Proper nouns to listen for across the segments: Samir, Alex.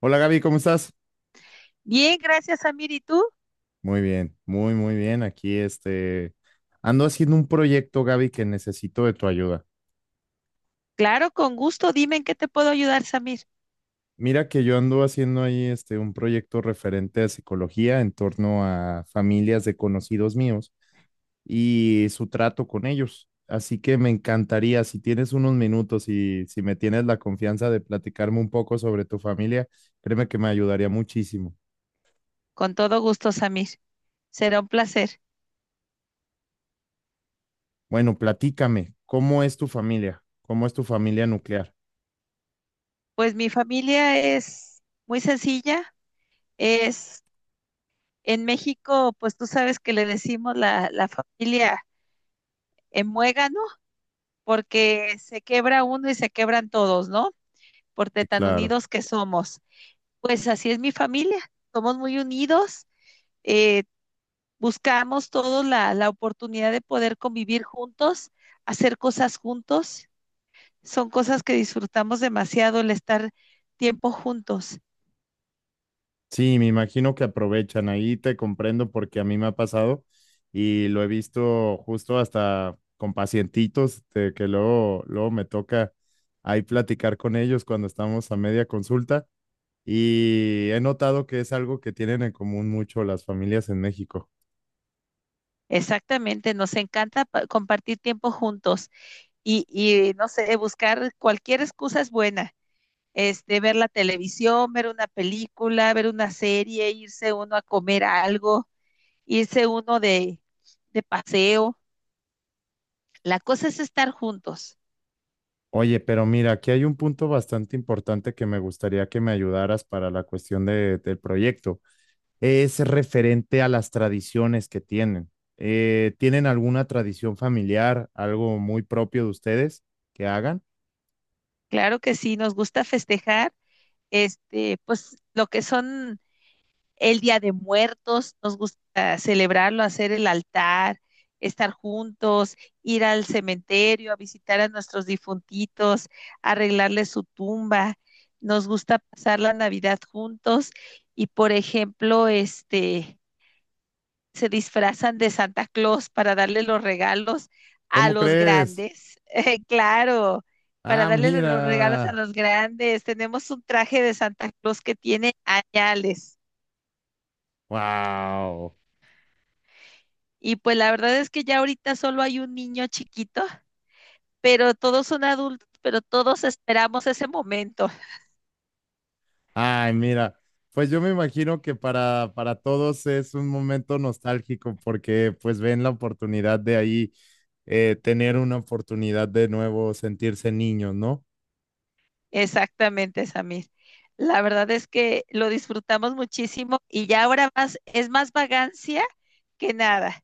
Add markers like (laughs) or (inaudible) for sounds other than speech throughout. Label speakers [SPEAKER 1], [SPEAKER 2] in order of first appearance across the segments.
[SPEAKER 1] Hola Gaby, ¿cómo estás?
[SPEAKER 2] Bien, gracias, Samir. ¿Y tú?
[SPEAKER 1] Muy bien, muy, muy bien. Aquí ando haciendo un proyecto, Gaby, que necesito de tu ayuda.
[SPEAKER 2] Claro, con gusto. Dime en qué te puedo ayudar, Samir.
[SPEAKER 1] Mira que yo ando haciendo ahí un proyecto referente a psicología en torno a familias de conocidos míos y su trato con ellos. Así que me encantaría, si tienes unos minutos y si me tienes la confianza de platicarme un poco sobre tu familia, créeme que me ayudaría muchísimo.
[SPEAKER 2] Con todo gusto, Samir. Será un placer.
[SPEAKER 1] Bueno, platícame, ¿cómo es tu familia? ¿Cómo es tu familia nuclear?
[SPEAKER 2] Pues mi familia es muy sencilla. Es en México, pues tú sabes que le decimos la familia en muégano, porque se quebra uno y se quebran todos, ¿no? Por de
[SPEAKER 1] Sí,
[SPEAKER 2] tan
[SPEAKER 1] claro.
[SPEAKER 2] unidos que somos. Pues así es mi familia. Somos muy unidos. eh, Buscamos todos la oportunidad de poder convivir juntos, hacer cosas juntos. Son cosas que disfrutamos demasiado el estar tiempo juntos.
[SPEAKER 1] Sí, me imagino que aprovechan. Ahí te comprendo porque a mí me ha pasado y lo he visto justo hasta con pacientitos de que luego, luego me toca ahí platicar con ellos cuando estamos a media consulta y he notado que es algo que tienen en común mucho las familias en México.
[SPEAKER 2] Exactamente, nos encanta compartir tiempo juntos no sé, buscar cualquier excusa es buena. Este, ver la televisión, ver una película, ver una serie, irse uno a comer algo, irse uno de paseo. La cosa es estar juntos.
[SPEAKER 1] Oye, pero mira, aquí hay un punto bastante importante que me gustaría que me ayudaras para la del proyecto. Es referente a las tradiciones que tienen. ¿Tienen alguna tradición familiar, algo muy propio de ustedes que hagan?
[SPEAKER 2] Claro que sí, nos gusta festejar este, pues lo que son el Día de Muertos, nos gusta celebrarlo, hacer el altar, estar juntos, ir al cementerio, a visitar a nuestros difuntitos, arreglarles su tumba. Nos gusta pasar la Navidad juntos y, por ejemplo, este, se disfrazan de Santa Claus para darle los regalos a
[SPEAKER 1] ¿Cómo
[SPEAKER 2] los
[SPEAKER 1] crees?
[SPEAKER 2] grandes. (laughs) Claro, para
[SPEAKER 1] Ah,
[SPEAKER 2] darle los regalos a
[SPEAKER 1] mira.
[SPEAKER 2] los grandes. Tenemos un traje de Santa Claus que tiene añales.
[SPEAKER 1] Wow.
[SPEAKER 2] Y pues la verdad es que ya ahorita solo hay un niño chiquito, pero todos son adultos, pero todos esperamos ese momento.
[SPEAKER 1] Ay, mira. Pues yo me imagino que para todos es un momento nostálgico porque pues ven la oportunidad de ahí tener una oportunidad de nuevo sentirse niños, ¿no?
[SPEAKER 2] Exactamente, Samir. La verdad es que lo disfrutamos muchísimo y ya ahora más es más vagancia que nada.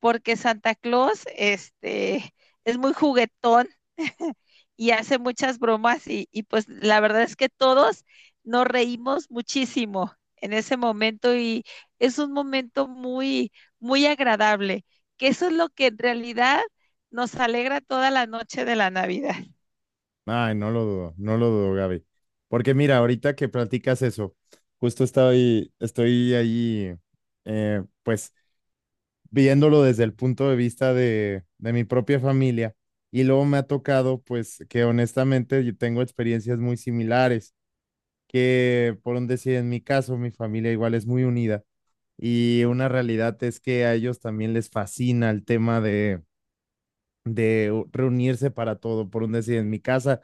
[SPEAKER 2] Porque Santa Claus este, es muy juguetón (laughs) y hace muchas bromas pues la verdad es que todos nos reímos muchísimo en ese momento y es un momento muy agradable, que eso es lo que en realidad nos alegra toda la noche de la Navidad.
[SPEAKER 1] Ay, no lo dudo, no lo dudo, Gaby. Porque mira, ahorita que platicas eso, justo estoy ahí, pues, viéndolo desde el punto de vista de mi propia familia. Y luego me ha tocado, pues, que honestamente yo tengo experiencias muy similares, que por un decir, en mi caso, mi familia igual es muy unida. Y una realidad es que a ellos también les fascina el tema de reunirse para todo. Por un decir, en mi casa,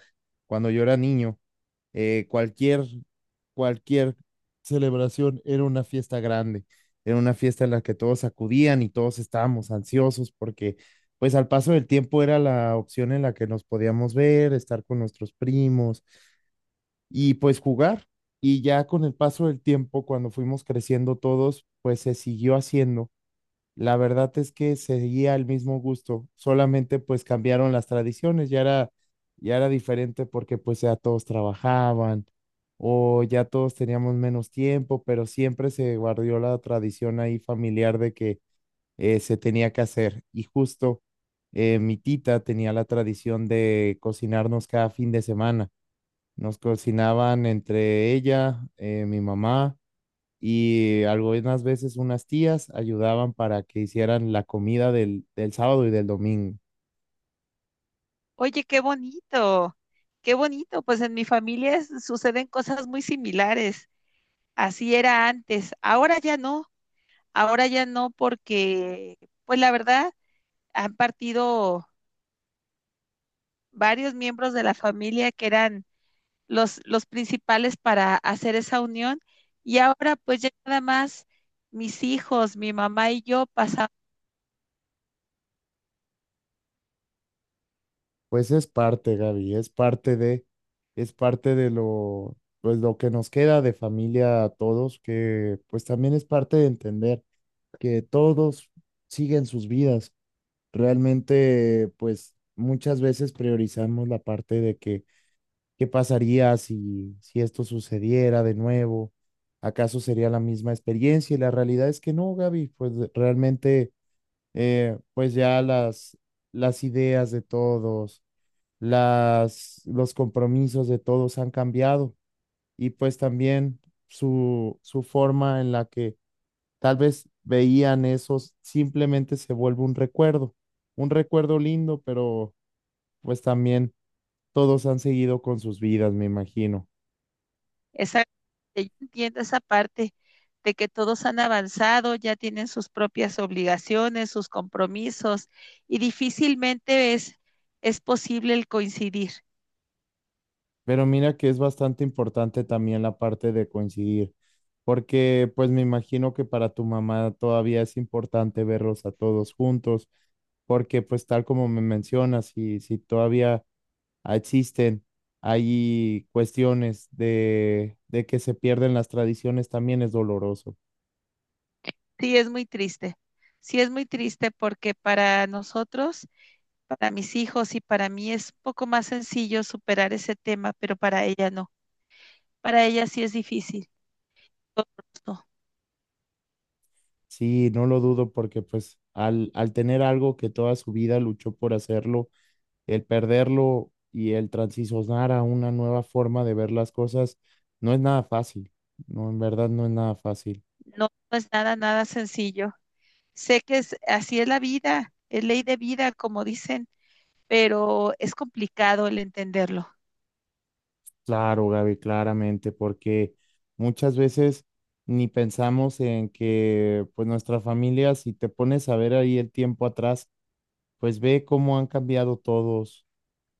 [SPEAKER 1] cuando yo era niño, cualquier, cualquier celebración era una fiesta grande, era una fiesta en la que todos acudían y todos estábamos ansiosos porque pues al paso del tiempo era la opción en la que nos podíamos ver, estar con nuestros primos y pues jugar. Y ya con el paso del tiempo, cuando fuimos creciendo todos, pues se siguió haciendo. La verdad es que seguía el mismo gusto, solamente pues cambiaron las tradiciones, ya era diferente porque pues ya todos trabajaban o ya todos teníamos menos tiempo, pero siempre se guardó la tradición ahí familiar de que se tenía que hacer. Y justo mi tita tenía la tradición de cocinarnos cada fin de semana. Nos cocinaban entre ella, mi mamá y algunas veces unas tías ayudaban para que hicieran la comida del, del sábado y del domingo.
[SPEAKER 2] Oye, qué bonito, pues en mi familia suceden cosas muy similares, así era antes, ahora ya no. Ahora ya no porque, pues la verdad, han partido varios miembros de la familia que eran los principales para hacer esa unión y ahora pues ya nada más mis hijos, mi mamá y yo pasamos
[SPEAKER 1] Pues es parte, Gaby, es parte de lo, pues lo que nos queda de familia a todos, que pues también es parte de entender que todos siguen sus vidas. Realmente, pues muchas veces priorizamos la parte de que ¿qué pasaría si, si esto sucediera de nuevo? ¿Acaso sería la misma experiencia? Y la realidad es que no, Gaby, pues realmente, pues ya las ideas de todos, las, los compromisos de todos han cambiado y pues también su forma en la que tal vez veían esos simplemente se vuelve un recuerdo lindo, pero pues también todos han seguido con sus vidas, me imagino.
[SPEAKER 2] esa, yo entiendo esa parte de que todos han avanzado, ya tienen sus propias obligaciones, sus compromisos y difícilmente es posible el coincidir.
[SPEAKER 1] Pero mira que es bastante importante también la parte de coincidir, porque pues me imagino que para tu mamá todavía es importante verlos a todos juntos, porque pues tal como me mencionas, si, si todavía existen, hay cuestiones de que se pierden las tradiciones, también es doloroso.
[SPEAKER 2] Sí, es muy triste. Sí, es muy triste porque para nosotros, para mis hijos y para mí es un poco más sencillo superar ese tema, pero para ella no. Para ella sí es difícil. No,
[SPEAKER 1] Sí, no lo dudo porque pues al, al tener algo que toda su vida luchó por hacerlo, el perderlo y el transicionar a una nueva forma de ver las cosas no es nada fácil. No, en verdad no es nada fácil.
[SPEAKER 2] no, no es nada sencillo. Sé que es, así es la vida, es ley de vida, como dicen, pero es complicado el entenderlo.
[SPEAKER 1] Claro, Gaby, claramente, porque muchas veces ni pensamos en que pues nuestra familia, si te pones a ver ahí el tiempo atrás, pues ve cómo han cambiado todos,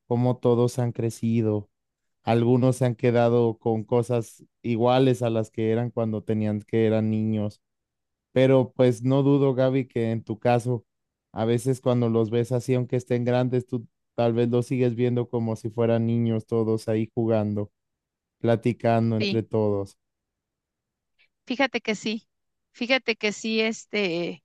[SPEAKER 1] cómo todos han crecido. Algunos se han quedado con cosas iguales a las que eran cuando tenían que eran niños. Pero pues no dudo, Gaby, que en tu caso, a veces cuando los ves así, aunque estén grandes, tú tal vez los sigues viendo como si fueran niños todos ahí jugando, platicando
[SPEAKER 2] Sí,
[SPEAKER 1] entre todos.
[SPEAKER 2] fíjate que sí. Fíjate que sí, este,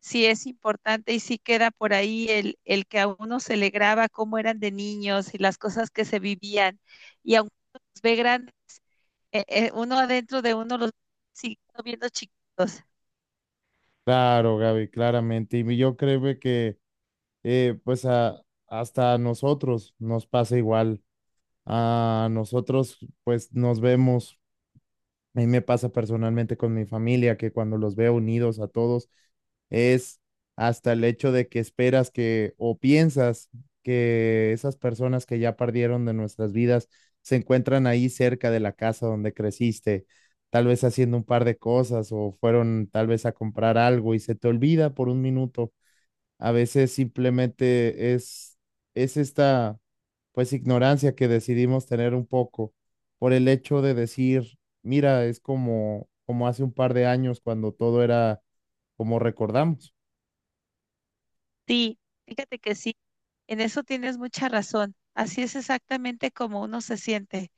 [SPEAKER 2] sí es importante y sí queda por ahí el que a uno se le graba cómo eran de niños y las cosas que se vivían. Y aunque uno los ve grandes, uno adentro de uno los sigue viendo chiquitos.
[SPEAKER 1] Claro, Gaby, claramente. Y yo creo que pues a, hasta a nosotros nos pasa igual. A nosotros pues nos vemos. A mí me pasa personalmente con mi familia que cuando los veo unidos a todos es hasta el hecho de que esperas que o piensas que esas personas que ya perdieron de nuestras vidas se encuentran ahí cerca de la casa donde creciste, tal vez haciendo un par de cosas o fueron tal vez a comprar algo y se te olvida por un minuto. A veces simplemente es esta, pues, ignorancia que decidimos tener un poco por el hecho de decir, mira, es como, como hace un par de años cuando todo era como recordamos.
[SPEAKER 2] Sí, fíjate que sí, en eso tienes mucha razón. Así es exactamente como uno se siente.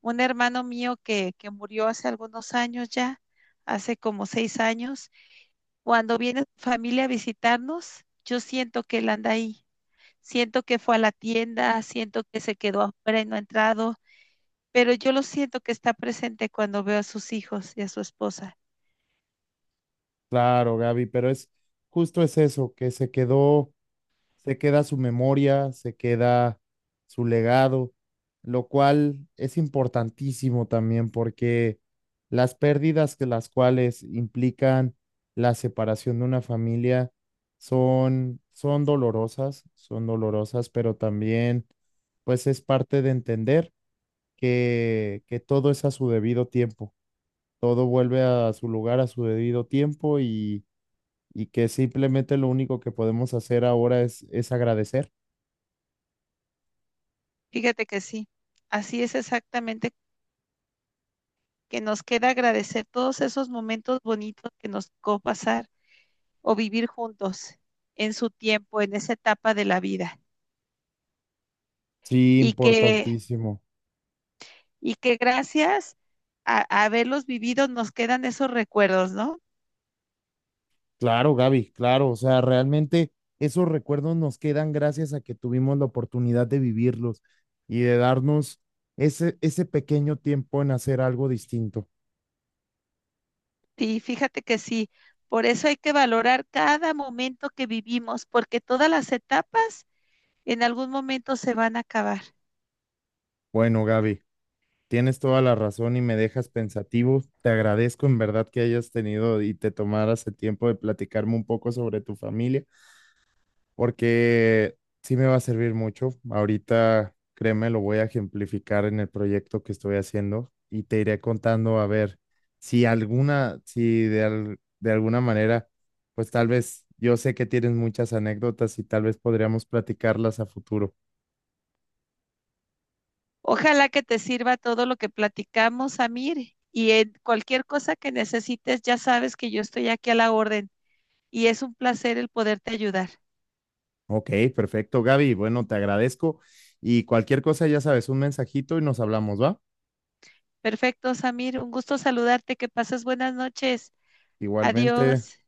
[SPEAKER 2] Un hermano mío que murió hace algunos años ya, hace como 6 años, cuando viene su familia a visitarnos, yo siento que él anda ahí, siento que fue a la tienda, siento que se quedó afuera y no ha entrado, pero yo lo siento que está presente cuando veo a sus hijos y a su esposa.
[SPEAKER 1] Claro, Gaby, pero es justo es eso, que se quedó. Se queda su memoria, se queda su legado, lo cual es importantísimo también porque las pérdidas que las cuales implican la separación de una familia son, son dolorosas, pero también pues es parte de entender que todo es a su debido tiempo, todo vuelve a su lugar a su debido tiempo y que simplemente lo único que podemos hacer ahora es agradecer.
[SPEAKER 2] Fíjate que sí, así es exactamente que nos queda agradecer todos esos momentos bonitos que nos tocó pasar o vivir juntos en su tiempo, en esa etapa de la vida.
[SPEAKER 1] Sí,
[SPEAKER 2] Y que,
[SPEAKER 1] importantísimo.
[SPEAKER 2] y que gracias a haberlos vivido nos quedan esos recuerdos, ¿no?
[SPEAKER 1] Claro, Gaby, claro. O sea, realmente esos recuerdos nos quedan gracias a que tuvimos la oportunidad de vivirlos y de darnos ese, ese pequeño tiempo en hacer algo distinto.
[SPEAKER 2] Sí, fíjate que sí. Por eso hay que valorar cada momento que vivimos, porque todas las etapas en algún momento se van a acabar.
[SPEAKER 1] Bueno, Gaby, tienes toda la razón y me dejas pensativo. Te agradezco en verdad que hayas tenido y te tomaras el tiempo de platicarme un poco sobre tu familia. Porque sí me va a servir mucho. Ahorita, créeme, lo voy a ejemplificar en el proyecto que estoy haciendo y te iré contando a ver si alguna, si de, al- de alguna manera, pues tal vez yo sé que tienes muchas anécdotas y tal vez podríamos platicarlas a futuro.
[SPEAKER 2] Ojalá que te sirva todo lo que platicamos, Amir, y en cualquier cosa que necesites, ya sabes que yo estoy aquí a la orden y es un placer el poderte ayudar.
[SPEAKER 1] Ok, perfecto, Gaby. Bueno, te agradezco y cualquier cosa, ya sabes, un mensajito y nos hablamos, ¿va?
[SPEAKER 2] Perfecto, Samir, un gusto saludarte, que pases buenas noches.
[SPEAKER 1] Igualmente.
[SPEAKER 2] Adiós.